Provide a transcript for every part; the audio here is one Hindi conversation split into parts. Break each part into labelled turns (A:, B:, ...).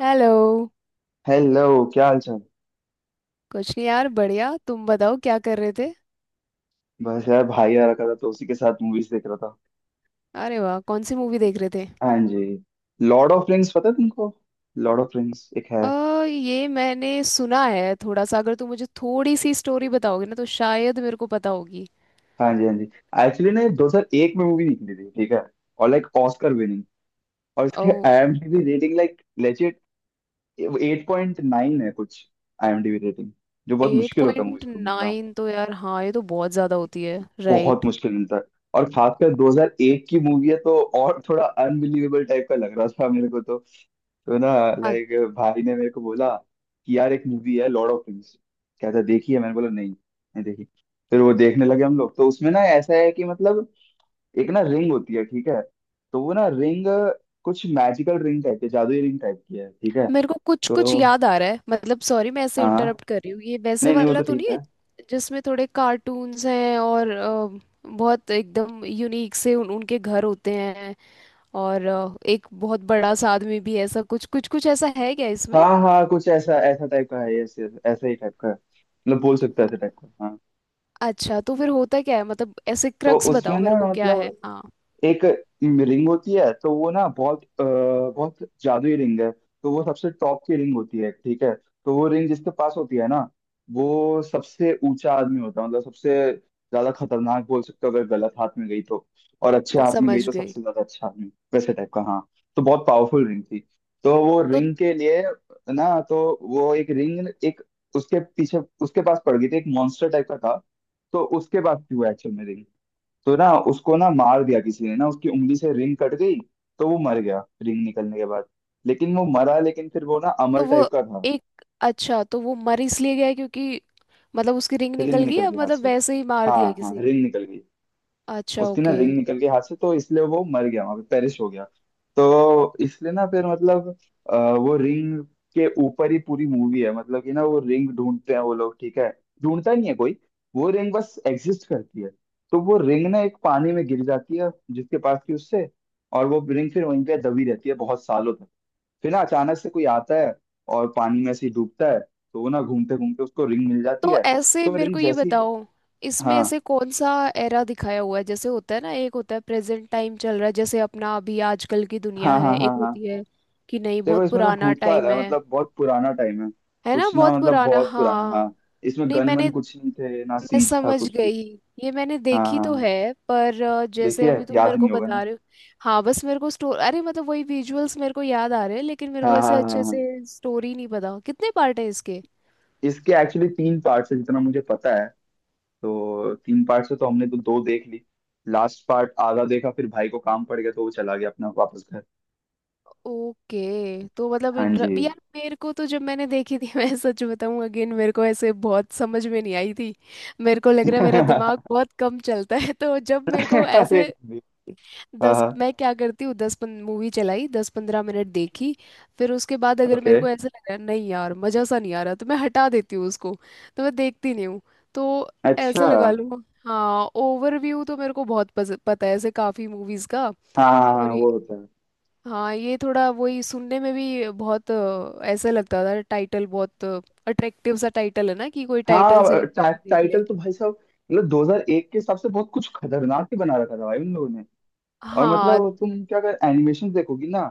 A: हेलो।
B: हेलो। क्या हाल चाल?
A: कुछ नहीं, यार, बढ़िया। तुम बताओ, क्या कर रहे थे?
B: बस यार भाई आ रखा था तो उसी के साथ मूवीज देख रहा था।
A: अरे वाह, कौन सी मूवी देख रहे थे?
B: हाँ जी। लॉर्ड ऑफ रिंग्स पता है तुमको? लॉर्ड ऑफ रिंग्स एक है।
A: अ ये मैंने सुना है थोड़ा सा। अगर तुम मुझे थोड़ी सी स्टोरी बताओगे ना, तो शायद मेरे को पता होगी।
B: हाँ जी, हाँ जी। एक्चुअली ना ये 2001 में मूवी निकली थी, ठीक है। और लाइक ऑस्कर विनिंग। और
A: ओ,
B: इसके आईएमडीबी रेटिंग लाइक लेजिट 8.9 है कुछ। आईएमडीबी रेटिंग जो बहुत
A: एट
B: मुश्किल होता है
A: पॉइंट
B: मूवीज को मिलना।
A: नाइन तो यार, हाँ, ये तो बहुत ज़्यादा होती है।
B: बहुत
A: राइट।
B: मुश्किल मिलता है। और खासकर 2001 की मूवी है तो और थोड़ा अनबिलीवेबल टाइप का लग रहा था मेरे को तो। तो ना,
A: हाँ,
B: लाइक, भाई ने मेरे को बोला कि यार एक मूवी है लॉर्ड ऑफ रिंग्स, कहता देखी है? मैंने बोला नहीं नहीं देखी। फिर वो देखने लगे हम लोग तो उसमें ना ऐसा है कि मतलब एक ना रिंग होती है, ठीक है। तो वो ना रिंग कुछ मैजिकल रिंग टाइप की, जादुई रिंग टाइप की है, ठीक है।
A: मेरे को कुछ कुछ
B: तो
A: याद आ रहा है मतलब। सॉरी, मैं ऐसे
B: हाँ,
A: इंटरप्ट कर रही हूँ। ये वैसे
B: नहीं नहीं वो
A: वाला
B: तो
A: तो नहीं
B: ठीक है।
A: है जिसमें थोड़े कार्टून्स हैं और बहुत एकदम यूनिक से उनके घर होते हैं, और एक बहुत बड़ा सा आदमी भी है, ऐसा कुछ कुछ कुछ ऐसा है क्या
B: हाँ
A: इसमें?
B: हाँ कुछ ऐसा ऐसा टाइप का है ऐसे। ऐसा ही टाइप का है। मतलब बोल सकते हैं ऐसे टाइप का हाँ।
A: अच्छा, तो फिर होता क्या है मतलब? ऐसे
B: तो
A: क्रक्स
B: उसमें
A: बताओ
B: ना
A: मेरे को क्या है।
B: मतलब
A: हाँ,
B: एक रिंग होती है, तो वो ना बहुत बहुत जादुई रिंग है। तो वो सबसे टॉप की रिंग होती है, ठीक है। तो वो रिंग जिसके पास होती है ना, वो सबसे ऊंचा आदमी होता है, मतलब सबसे ज्यादा खतरनाक बोल सकते हो अगर गलत हाथ में गई तो। और अच्छे हाथ में
A: समझ
B: गई तो
A: गई।
B: सबसे ज्यादा अच्छा आदमी, वैसे टाइप का हाँ। तो बहुत पावरफुल रिंग थी। तो वो
A: तो
B: रिंग के लिए ना तो वो एक रिंग एक उसके पीछे उसके पास पड़ गई थी, एक मॉन्स्टर टाइप का था। तो उसके पास थी वो एक्चुअल में रिंग। तो ना उसको ना मार दिया किसी ने ना, उसकी उंगली से रिंग कट गई। तो वो मर गया रिंग निकलने के बाद। लेकिन वो मरा, लेकिन फिर वो ना
A: तो
B: अमर टाइप
A: वो
B: का था।
A: एक, अच्छा, तो वो मर इसलिए गया क्योंकि मतलब उसकी रिंग
B: रिंग
A: निकल गई,
B: निकल
A: या
B: गई हाथ
A: मतलब
B: से।
A: वैसे ही मार
B: हाँ
A: दिया
B: हाँ
A: किसी ने?
B: रिंग निकल गई।
A: अच्छा,
B: उसकी ना
A: ओके।
B: रिंग निकल गई हाथ से तो इसलिए वो मर गया, वहां पे पेरिश हो गया। तो इसलिए ना फिर मतलब वो रिंग के ऊपर ही पूरी मूवी है, मतलब कि ना वो रिंग ढूंढते हैं वो लोग, ठीक है। ढूंढता नहीं है कोई, वो रिंग बस एग्जिस्ट करती है। तो वो रिंग ना एक पानी में गिर जाती है जिसके पास थी उससे। और वो रिंग फिर वहीं पे दबी रहती है बहुत सालों तक। फिर ना अचानक से कोई आता है और पानी में से ही डूबता है तो वो ना घूमते घूमते उसको रिंग मिल जाती
A: तो
B: है।
A: ऐसे
B: तो
A: मेरे
B: रिंग
A: को ये
B: जैसी
A: बताओ, इसमें
B: हाँ
A: ऐसे कौन सा एरा दिखाया हुआ है? जैसे होता है ना, एक होता है प्रेजेंट टाइम चल रहा है, जैसे अपना अभी आजकल की दुनिया
B: हाँ
A: है,
B: हाँ हाँ
A: एक
B: हाँ।
A: होती है कि नहीं,
B: देखो
A: बहुत
B: इसमें तो
A: पुराना
B: भूतकाल
A: टाइम
B: है,
A: है?
B: मतलब बहुत पुराना टाइम है।
A: है ना,
B: कुछ ना
A: बहुत
B: मतलब
A: पुराना,
B: बहुत पुराना
A: हाँ।
B: हाँ। इसमें
A: नहीं
B: गन
A: मैंने
B: वन कुछ नहीं थे ना,
A: मैं
B: सीज था
A: समझ
B: कुछ भी।
A: गई। ये मैंने
B: हाँ हाँ
A: देखी तो
B: हाँ।
A: है, पर जैसे
B: देखिए
A: अभी तुम
B: याद
A: मेरे को
B: नहीं होगा ना।
A: बता रहे हो। हाँ, बस मेरे को स्टोर अरे मतलब वही विजुअल्स मेरे को याद आ रहे हैं, लेकिन मेरे
B: हाँ
A: को
B: हाँ
A: ऐसे
B: हाँ
A: अच्छे
B: हाँ।
A: से स्टोरी नहीं पता। कितने पार्ट है इसके?
B: इसके एक्चुअली तीन पार्ट्स है जितना मुझे पता है। तो तीन पार्ट्स है तो हमने तो दो देख ली। लास्ट पार्ट आधा देखा, फिर भाई को काम पड़ गया तो वो चला गया अपना वापस घर।
A: ओके। तो मतलब
B: हाँ जी।
A: इंटर यार, मेरे को तो जब मैंने देखी थी मैं सच बताऊं अगेन, मेरे को ऐसे बहुत समझ में नहीं आई थी। मेरे को लग रहा है मेरा दिमाग बहुत कम चलता है। तो जब मेरे को
B: अरे,
A: ऐसे
B: हाँ
A: दस,
B: हाँ,
A: मैं क्या करती हूँ, दस पन मूवी चलाई, दस पंद्रह मिनट देखी, फिर उसके बाद अगर
B: ओके,
A: मेरे को ऐसा लगा नहीं यार मज़ा सा नहीं आ रहा, तो मैं हटा देती हूँ उसको। तो मैं देखती नहीं हूँ। तो ऐसे
B: अच्छा,
A: लगा लूँ। हाँ, ओवरव्यू तो मेरे को बहुत पता है ऐसे काफ़ी मूवीज़ का।
B: हाँ हाँ
A: और
B: हाँ,
A: ये-
B: वो होता है।
A: हाँ, ये थोड़ा वही सुनने में भी बहुत ऐसा लगता था। टाइटल बहुत अट्रैक्टिव सा टाइटल है ना, कि कोई टाइटल से ही
B: हाँ,
A: मूवी देख ले।
B: टाइटल तो भाई साहब मतलब 2001 के हिसाब से बहुत कुछ खतरनाक ही बना रखा था भाई उन लोगों ने। और
A: हाँ
B: मतलब तुम क्या अगर एनिमेशन देखोगी ना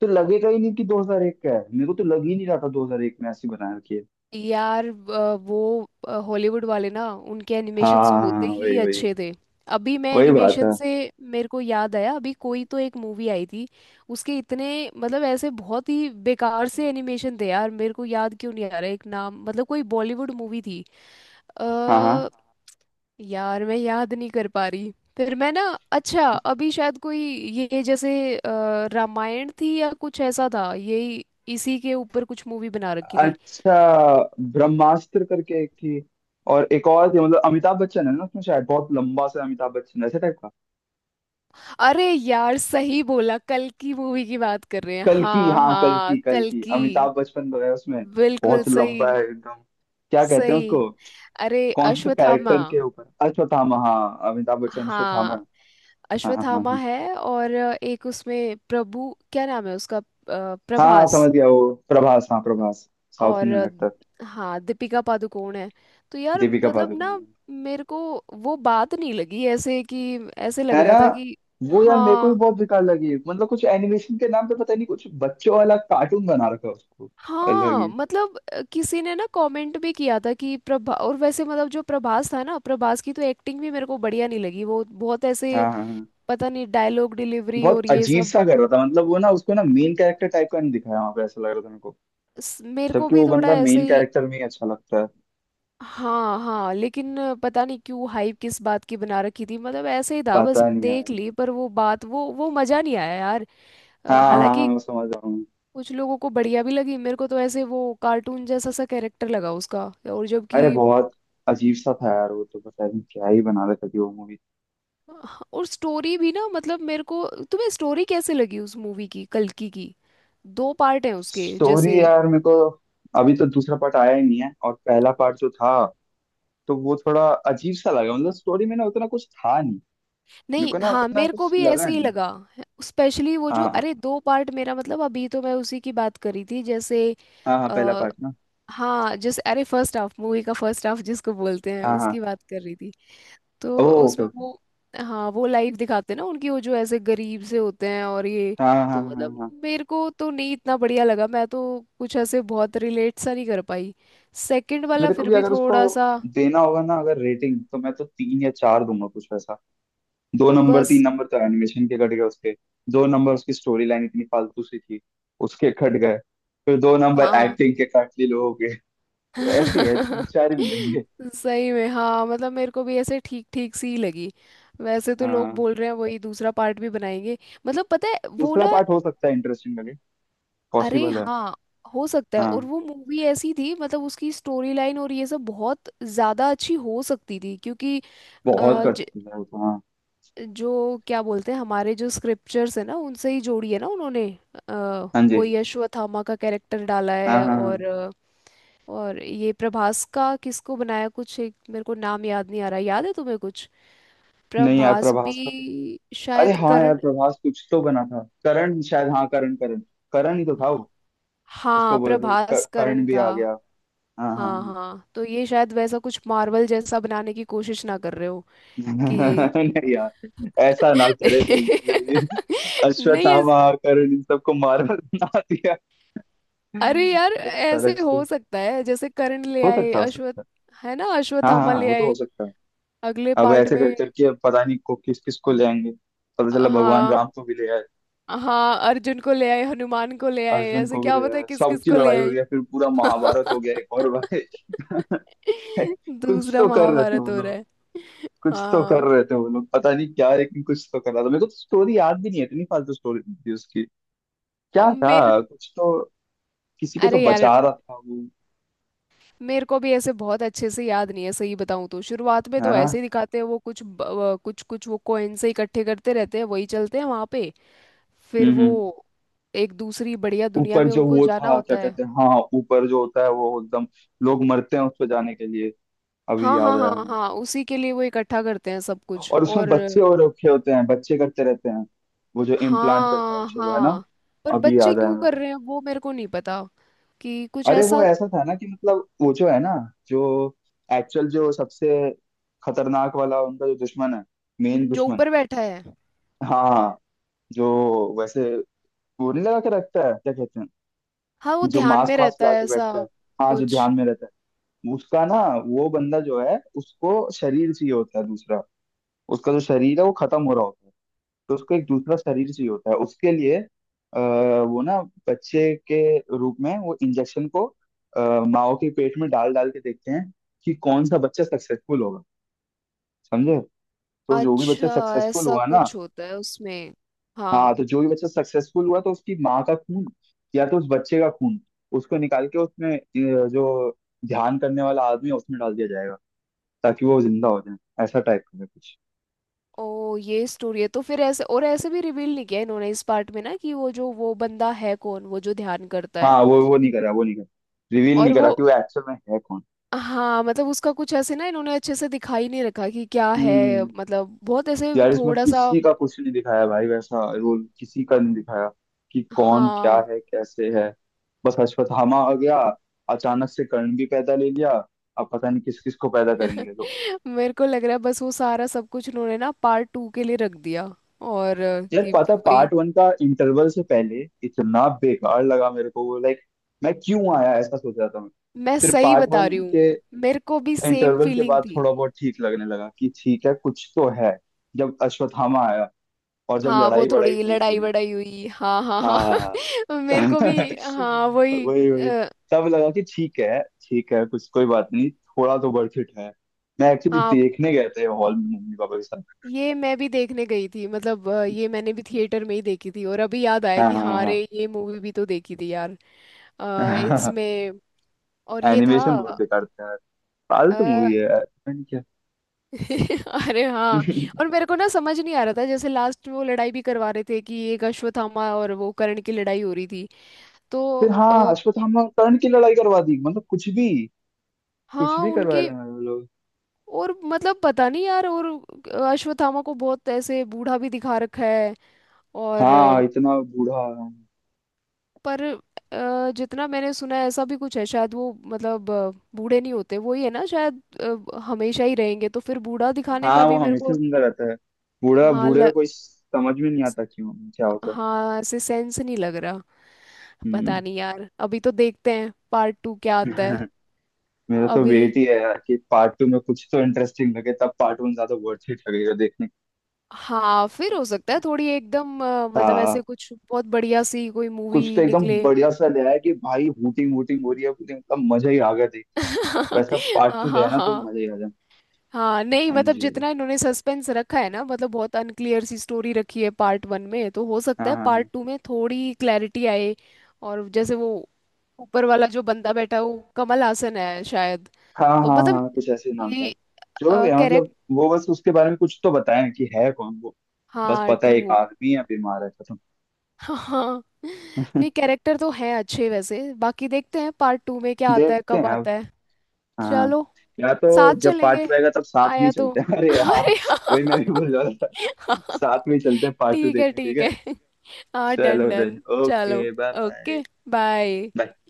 B: तो लगेगा ही नहीं कि 2001 का है। मेरे को तो लग ही नहीं रहा था 2001 में ऐसी बना रखी है।
A: यार, वो हॉलीवुड वाले ना, उनके
B: हाँ
A: एनिमेशंस
B: हाँ, हाँ,
A: होते
B: हाँ,
A: ही
B: वही वही।
A: अच्छे थे। अभी मैं
B: वही बात
A: एनिमेशन
B: है।
A: से मेरे को याद आया, अभी कोई तो एक मूवी आई थी उसके इतने मतलब ऐसे बहुत ही बेकार से एनिमेशन थे यार। मेरे को याद क्यों नहीं आ रहा एक नाम। मतलब कोई बॉलीवुड मूवी थी।
B: हाँ हाँ।
A: अ यार, मैं याद नहीं कर पा रही। फिर मैं ना अच्छा, अभी शायद कोई ये जैसे रामायण थी या कुछ ऐसा था, यही इसी के ऊपर कुछ मूवी बना रखी थी।
B: अच्छा, ब्रह्मास्त्र करके एक थी। और एक और थी, मतलब अमिताभ बच्चन है ना उसमें, शायद बहुत लंबा सा अमिताभ बच्चन ऐसे टाइप का।
A: अरे यार, सही बोला, कल की मूवी की बात कर रहे हैं,
B: कल्कि,
A: हाँ
B: हाँ
A: हाँ,
B: कल्कि,
A: कल
B: कल्कि,
A: की।
B: अमिताभ बच्चन तो है उसमें।
A: बिल्कुल
B: बहुत
A: सही।
B: लंबा है एकदम। क्या कहते हैं
A: सही।
B: उसको,
A: अरे,
B: कौन से
A: अश्वत्थामा,
B: कैरेक्टर के ऊपर? अश्वत्थामा, हाँ अमिताभ बच्चन अश्वत्थामा।
A: हाँ,
B: हाँ हाँ हाँ
A: अश्वत्थामा
B: हाँ।
A: है। और एक उसमें प्रभु, क्या नाम है उसका,
B: हाँ हाँ,
A: प्रभास।
B: समझ गया वो प्रभास, हाँ प्रभास। साउथ
A: और
B: इंडियन एक्टर।
A: हाँ, दीपिका पादुकोण है। तो यार
B: दीपिका
A: मतलब
B: पादुकोण
A: ना, मेरे को वो बात नहीं लगी, ऐसे कि ऐसे लग
B: है ना।
A: रहा था कि
B: वो यार मेरे को भी
A: हाँ
B: बहुत बेकार लगी, मतलब कुछ एनिमेशन के नाम पे पता नहीं कुछ बच्चों वाला कार्टून बना रखा है उसको। अलग
A: हाँ।
B: ही।
A: मतलब किसी ने ना कमेंट भी किया था कि प्रभा और वैसे मतलब जो प्रभास था ना, प्रभास की तो एक्टिंग भी मेरे को बढ़िया नहीं लगी। वो बहुत ऐसे
B: हाँ हाँ हाँ।
A: पता नहीं डायलॉग डिलीवरी और
B: बहुत
A: ये
B: अजीब
A: सब।
B: सा कर रहा था, मतलब वो ना उसको ना मेन कैरेक्टर टाइप का नहीं दिखाया वहां पे, ऐसा लग रहा था मेरे को।
A: मेरे को
B: जबकि
A: भी
B: वो
A: थोड़ा
B: बंदा
A: ऐसे
B: मेन
A: ही।
B: कैरेक्टर में ही अच्छा लगता है।
A: हाँ हाँ। लेकिन पता नहीं क्यों हाइप किस बात की बना रखी थी। मतलब ऐसे ही था, बस
B: पता नहीं
A: देख
B: यार।
A: ली, पर वो बात, वो मजा नहीं आया यार।
B: हाँ हाँ हाँ
A: हालांकि
B: मैं समझ रहा हूँ।
A: कुछ लोगों को बढ़िया भी लगी। मेरे को तो ऐसे वो कार्टून जैसा सा कैरेक्टर लगा उसका। और
B: अरे
A: जबकि
B: बहुत अजीब सा था यार वो तो, पता नहीं क्या ही बना रहे थे अभी वो मूवी।
A: हाँ, और स्टोरी भी ना मतलब मेरे को। तुम्हें स्टोरी कैसे लगी उस मूवी की, कल्कि की? दो पार्ट हैं उसके जैसे।
B: स्टोरी यार मेरे को, अभी तो दूसरा पार्ट आया ही नहीं है, और पहला पार्ट जो था तो वो थोड़ा अजीब सा लगा, मतलब स्टोरी में ना उतना कुछ था नहीं। मेरे
A: नहीं,
B: को ना
A: हाँ,
B: उतना
A: मेरे को
B: कुछ
A: भी
B: लगा
A: ऐसे ही
B: नहीं।
A: लगा। स्पेशली वो जो,
B: हाँ हाँ
A: अरे, दो पार्ट, मेरा मतलब अभी तो मैं उसी की बात करी थी जैसे
B: हाँ हाँ, पहला
A: आ,
B: पार्ट ना।
A: हाँ जैसे, अरे, फर्स्ट हाफ, मूवी का फर्स्ट हाफ जिसको बोलते हैं,
B: हाँ हाँ,
A: उसकी बात कर रही थी। तो
B: ओ ओके
A: उसमें
B: ओके।
A: वो हाँ, वो लाइफ दिखाते हैं ना उनकी, वो जो ऐसे गरीब से होते हैं और ये।
B: हाँ हाँ हाँ
A: तो
B: हाँ
A: मतलब
B: हाँ।
A: मेरे को तो नहीं इतना बढ़िया लगा। मैं तो कुछ ऐसे बहुत रिलेट सा नहीं कर पाई। सेकंड वाला
B: मेरे को
A: फिर
B: भी
A: भी
B: अगर उसको
A: थोड़ा सा,
B: देना होगा ना अगर रेटिंग, तो मैं तो तीन या चार दूंगा कुछ। दो नंबर तीन
A: बस।
B: नंबर तो एनिमेशन के कट गए उसके। दो नंबर उसकी स्टोरी लाइन इतनी फालतू सी थी, उसके कट गए। फिर दो नंबर
A: हाँ
B: एक्टिंग के काट लिए लोगों के। तो ऐसे ही है, तीन चार ही मिलेंगे।
A: सही में हाँ, मतलब मेरे को भी ऐसे ठीक ठीक सी ही लगी। वैसे तो लोग
B: हाँ,
A: बोल रहे हैं वही दूसरा पार्ट भी बनाएंगे, मतलब पता है वो
B: दूसरा
A: ना।
B: पार्ट हो सकता है इंटरेस्टिंग लगे।
A: अरे
B: पॉसिबल है।
A: हाँ, हो सकता है। और
B: हाँ,
A: वो मूवी ऐसी थी मतलब उसकी स्टोरी लाइन और ये सब बहुत ज्यादा अच्छी हो सकती थी क्योंकि अ,
B: बहुत
A: ज,
B: कठिन है वो तो हाँ।
A: जो क्या बोलते हैं, हमारे जो स्क्रिप्चर्स है ना, उनसे ही जोड़ी है ना उन्होंने। अ,
B: हाँ जी,
A: वो यशवथामा का कैरेक्टर डाला
B: हाँ
A: है,
B: हाँ हाँ।
A: और और ये प्रभास का किसको बनाया कुछ एक, मेरे को नाम याद नहीं आ रहा, याद है तुम्हें कुछ?
B: नहीं यार
A: प्रभास
B: प्रभास का तो,
A: भी
B: अरे
A: शायद
B: हाँ यार
A: करण।
B: प्रभास कुछ तो बना था करण शायद, हाँ करण करण। करण ही तो था वो। उसको
A: हाँ,
B: बोला था कि
A: प्रभास
B: करण
A: करण
B: भी
A: था।
B: आ गया। हाँ हाँ
A: हाँ
B: हाँ।
A: हाँ, तो ये शायद वैसा कुछ मार्वल जैसा बनाने की कोशिश ना कर रहे हो कि
B: नहीं यार ऐसा ना करे गलती से जी।
A: नहीं ऐस...
B: अश्वत्थामा आकर इन सबको मार बना दिया
A: अरे यार, ऐसे
B: सड़क से।
A: हो सकता है जैसे करण ले
B: हो
A: आए,
B: सकता, हो
A: अश्वत्थ
B: सकता है।
A: है ना,
B: हाँ
A: अश्वत्थामा
B: हाँ
A: ले
B: वो तो हो
A: आए
B: सकता है।
A: अगले
B: अब
A: पार्ट
B: ऐसे कर
A: में।
B: करके अब पता नहीं को किस किस को ले आएंगे। पता चला भगवान
A: हाँ
B: राम को भी ले आए।
A: हाँ, अर्जुन को ले आए, हनुमान को ले आए,
B: अर्जुन
A: ऐसे
B: को भी
A: क्या
B: ले
A: पता है
B: आए,
A: किस किस
B: सबकी
A: को ले
B: लड़ाई हो
A: आए।
B: गया, फिर पूरा महाभारत हो गया एक और भाई। कुछ
A: दूसरा
B: तो कर रहे थे वो
A: महाभारत हो रहा
B: लोग।
A: है।
B: कुछ तो कर
A: हाँ
B: रहे थे वो लोग, पता नहीं क्या, लेकिन कुछ तो कर रहा था। मेरे को तो स्टोरी याद भी नहीं है, इतनी फालतू स्टोरी थी उसकी। क्या
A: मेरे
B: था कुछ तो, किसी को तो
A: अरे यार,
B: बचा रहा था वो,
A: मेरे को भी ऐसे बहुत अच्छे से याद नहीं है। सही बताऊं तो शुरुआत में
B: है
A: तो
B: ना।
A: ऐसे ही दिखाते हैं, वो कुछ कुछ कुछ वो कॉइन से इकट्ठे करते रहते हैं, वही चलते हैं वहां पे। फिर वो
B: हम्म।
A: एक दूसरी बढ़िया दुनिया
B: ऊपर
A: में
B: जो
A: उनको
B: वो
A: जाना
B: था, क्या
A: होता है।
B: कहते हैं, हाँ ऊपर जो होता है वो एकदम, लोग मरते हैं उस पर जाने के लिए।
A: हाँ
B: अभी याद
A: हाँ हाँ
B: आया
A: हाँ
B: हमें।
A: हाँ, उसी के लिए वो इकट्ठा करते हैं सब कुछ।
B: और उसमें
A: और
B: बच्चे और रखे होते हैं, बच्चे करते रहते हैं, वो जो इम्प्लांट करते हैं
A: हाँ
B: बच्चों को, है ना।
A: हाँ, पर
B: अभी
A: बच्चे
B: याद आया
A: क्यों
B: मेरे
A: कर
B: को।
A: रहे हैं वो मेरे को नहीं पता। कि कुछ
B: अरे वो
A: ऐसा
B: ऐसा था ना कि मतलब वो जो है ना, जो एक्चुअल जो सबसे खतरनाक वाला उनका जो दुश्मन है, मेन
A: जो
B: दुश्मन,
A: ऊपर बैठा है,
B: हाँ जो वैसे गोली लगा के रखता है, क्या कहते हैं,
A: हाँ, वो
B: जो
A: ध्यान में
B: मास्क वास्क
A: रहता
B: लगा
A: है
B: के
A: ऐसा
B: बैठता है, हाँ जो
A: कुछ।
B: ध्यान में रहता है उसका ना, वो बंदा जो है उसको शरीर चाहिए होता है दूसरा। उसका जो शरीर है वो खत्म हो रहा होता है, तो उसको एक दूसरा शरीर चाहिए होता है उसके लिए। आ, वो ना बच्चे के रूप में वो इंजेक्शन को, माओ के पेट में डाल डाल के देखते हैं कि कौन सा बच्चा सक्सेसफुल होगा। समझे? तो जो भी बच्चा
A: अच्छा,
B: सक्सेसफुल
A: ऐसा
B: हुआ ना,
A: कुछ होता है उसमें।
B: हाँ
A: हाँ।
B: तो जो भी बच्चा सक्सेसफुल हुआ तो उसकी माँ का खून या तो उस बच्चे का खून, उसको निकाल के उसमें जो ध्यान करने वाला आदमी है उसमें डाल दिया जाएगा ताकि वो जिंदा हो जाए, ऐसा टाइप का है कुछ।
A: ओ, ये स्टोरी है। तो फिर ऐसे और ऐसे भी रिवील नहीं किया इन्होंने इस पार्ट में ना, कि वो जो वो बंदा है कौन, वो जो ध्यान करता है।
B: हाँ वो नहीं करा, वो नहीं करा, रिवील नहीं
A: और
B: करा
A: वो
B: कि वो एक्चुअल में है कौन।
A: हाँ, मतलब उसका कुछ ऐसे ना इन्होंने अच्छे से दिखा ही नहीं रखा कि क्या है,
B: हम्म।
A: मतलब बहुत ऐसे
B: यार इसमें
A: थोड़ा सा।
B: किसी का कुछ नहीं दिखाया भाई, वैसा रोल किसी का नहीं दिखाया, कि कौन क्या
A: हाँ।
B: है कैसे है। बस अश्वत्थामा आ गया, अचानक से कर्ण भी पैदा ले लिया। अब पता नहीं किस किस को पैदा करेंगे तो।
A: मेरे को लग रहा है बस वो सारा सब कुछ उन्होंने ना पार्ट टू के लिए रख दिया। और अ,
B: यार
A: कि
B: पता,
A: वही
B: पार्ट वन का इंटरवल से पहले इतना बेकार लगा मेरे को वो, लाइक मैं क्यों आया ऐसा सोच रहा था मैं।
A: मैं
B: फिर
A: सही
B: पार्ट
A: बता
B: वन
A: रही हूँ।
B: के
A: मेरे को भी सेम
B: इंटरवल के
A: फीलिंग
B: बाद
A: थी।
B: थोड़ा बहुत ठीक लगने लगा कि ठीक है कुछ तो है, जब अश्वत्थामा आया, और जब
A: हाँ, वो
B: लड़ाई बड़ाई
A: थोड़ी
B: हुई
A: लड़ाई
B: थोड़ी।
A: वड़ाई हुई, हाँ हाँ
B: हाँ
A: हाँ। मेरे को भी, हाँ वही।
B: वही वही।
A: अ,
B: तब लगा कि ठीक है कुछ कोई बात नहीं, थोड़ा तो वर्थ इट है। मैं एक्चुअली
A: हाँ,
B: देखने गए थे हॉल में मम्मी पापा के साथ।
A: ये मैं भी देखने गई थी, मतलब ये मैंने भी थिएटर में ही देखी थी, और अभी याद आया
B: हाँ
A: कि हाँ
B: हाँ
A: रे, ये मूवी भी तो देखी थी यार। अ,
B: हाँ।
A: इसमें और ये था
B: एनिमेशन बहुत बेकार था।
A: अ,
B: फालतू मूवी है यार पता नहीं क्या।
A: अरे हाँ। और मेरे को ना समझ नहीं आ रहा था जैसे लास्ट में वो लड़ाई भी करवा रहे थे कि एक अश्वत्थामा और वो कर्ण की लड़ाई हो रही थी। तो
B: फिर हाँ
A: अ,
B: अश्वत्थामा और कर्ण की लड़ाई करवा दी, मतलब कुछ भी। कुछ
A: हाँ
B: भी करवा
A: उनकी।
B: रहे हैं वो लोग।
A: और मतलब पता नहीं यार। और अश्वत्थामा को बहुत ऐसे बूढ़ा भी दिखा रखा है। और
B: हाँ इतना बूढ़ा।
A: पर जितना मैंने सुना है, ऐसा भी कुछ है शायद वो, मतलब बूढ़े नहीं होते वो, ही है ना शायद, हमेशा ही रहेंगे। तो फिर बूढ़ा दिखाने
B: हाँ
A: का
B: वो
A: भी मेरे
B: हमेशा
A: को
B: जिंदा रहता है। बूढ़ा
A: हाँ
B: बूढ़े का
A: ल,
B: कोई समझ में नहीं आता क्यों क्या होता है।
A: हाँ ऐसे सेंस नहीं लग रहा। पता
B: हम्म।
A: नहीं यार, अभी तो देखते हैं पार्ट टू क्या आता है।
B: मेरा तो
A: अभी
B: वेट ही है यार कि पार्ट टू में कुछ तो इंटरेस्टिंग लगे, तब पार्ट वन ज्यादा वर्थ इट लगेगा देखने
A: हाँ, फिर हो सकता है थोड़ी एकदम
B: का।
A: मतलब
B: हाँ,
A: ऐसे कुछ बहुत बढ़िया सी कोई
B: कुछ तो
A: मूवी
B: एकदम
A: निकले।
B: बढ़िया सा ले आया कि भाई हूटिंग वूटिंग हो रही है पूरी, मतलब मजा ही आ गया देख के। वैसा पार्ट
A: हाँ
B: टू ले
A: हाँ
B: आना तो
A: हाँ।
B: मजा ही आ जाए।
A: हाँ नहीं,
B: हाँ
A: मतलब
B: जी,
A: जितना इन्होंने सस्पेंस रखा है ना, मतलब बहुत अनक्लियर सी स्टोरी रखी है पार्ट वन में, तो हो
B: हाँ
A: सकता है
B: हाँ हाँ
A: पार्ट टू में थोड़ी क्लैरिटी आए। और जैसे वो ऊपर वाला जो बंदा बैठा है, वो कमल हासन है शायद।
B: हाँ
A: तो
B: हाँ
A: मतलब
B: हाँ कुछ ऐसे ही नाम था।
A: ये
B: जो भी है मतलब
A: कैरेक्टर,
B: वो बस उसके बारे में कुछ तो बताया कि है कौन वो। बस
A: हाँ,
B: पता है एक
A: ट्रू।
B: आदमी है, बीमार है, खत्म।
A: हाँ नहीं, कैरेक्टर तो हैं अच्छे वैसे। बाकी देखते हैं पार्ट टू में क्या आता है,
B: देखते
A: कब
B: हैं अब।
A: आता है।
B: हाँ,
A: चलो,
B: या तो
A: साथ
B: जब पार्ट
A: चलेंगे।
B: टू आएगा तब साथ में ही
A: आया तो
B: चलते हैं। अरे हाँ
A: अरे हाँ।
B: वही मैं भी बोल रहा था,
A: हाँ,
B: साथ में ही चलते हैं पार्ट टू
A: ठीक है
B: देखने, ठीक
A: ठीक है।
B: है।
A: हाँ, डन
B: चलो
A: डन।
B: देन,
A: चलो,
B: okay bye bye.
A: Okay, bye.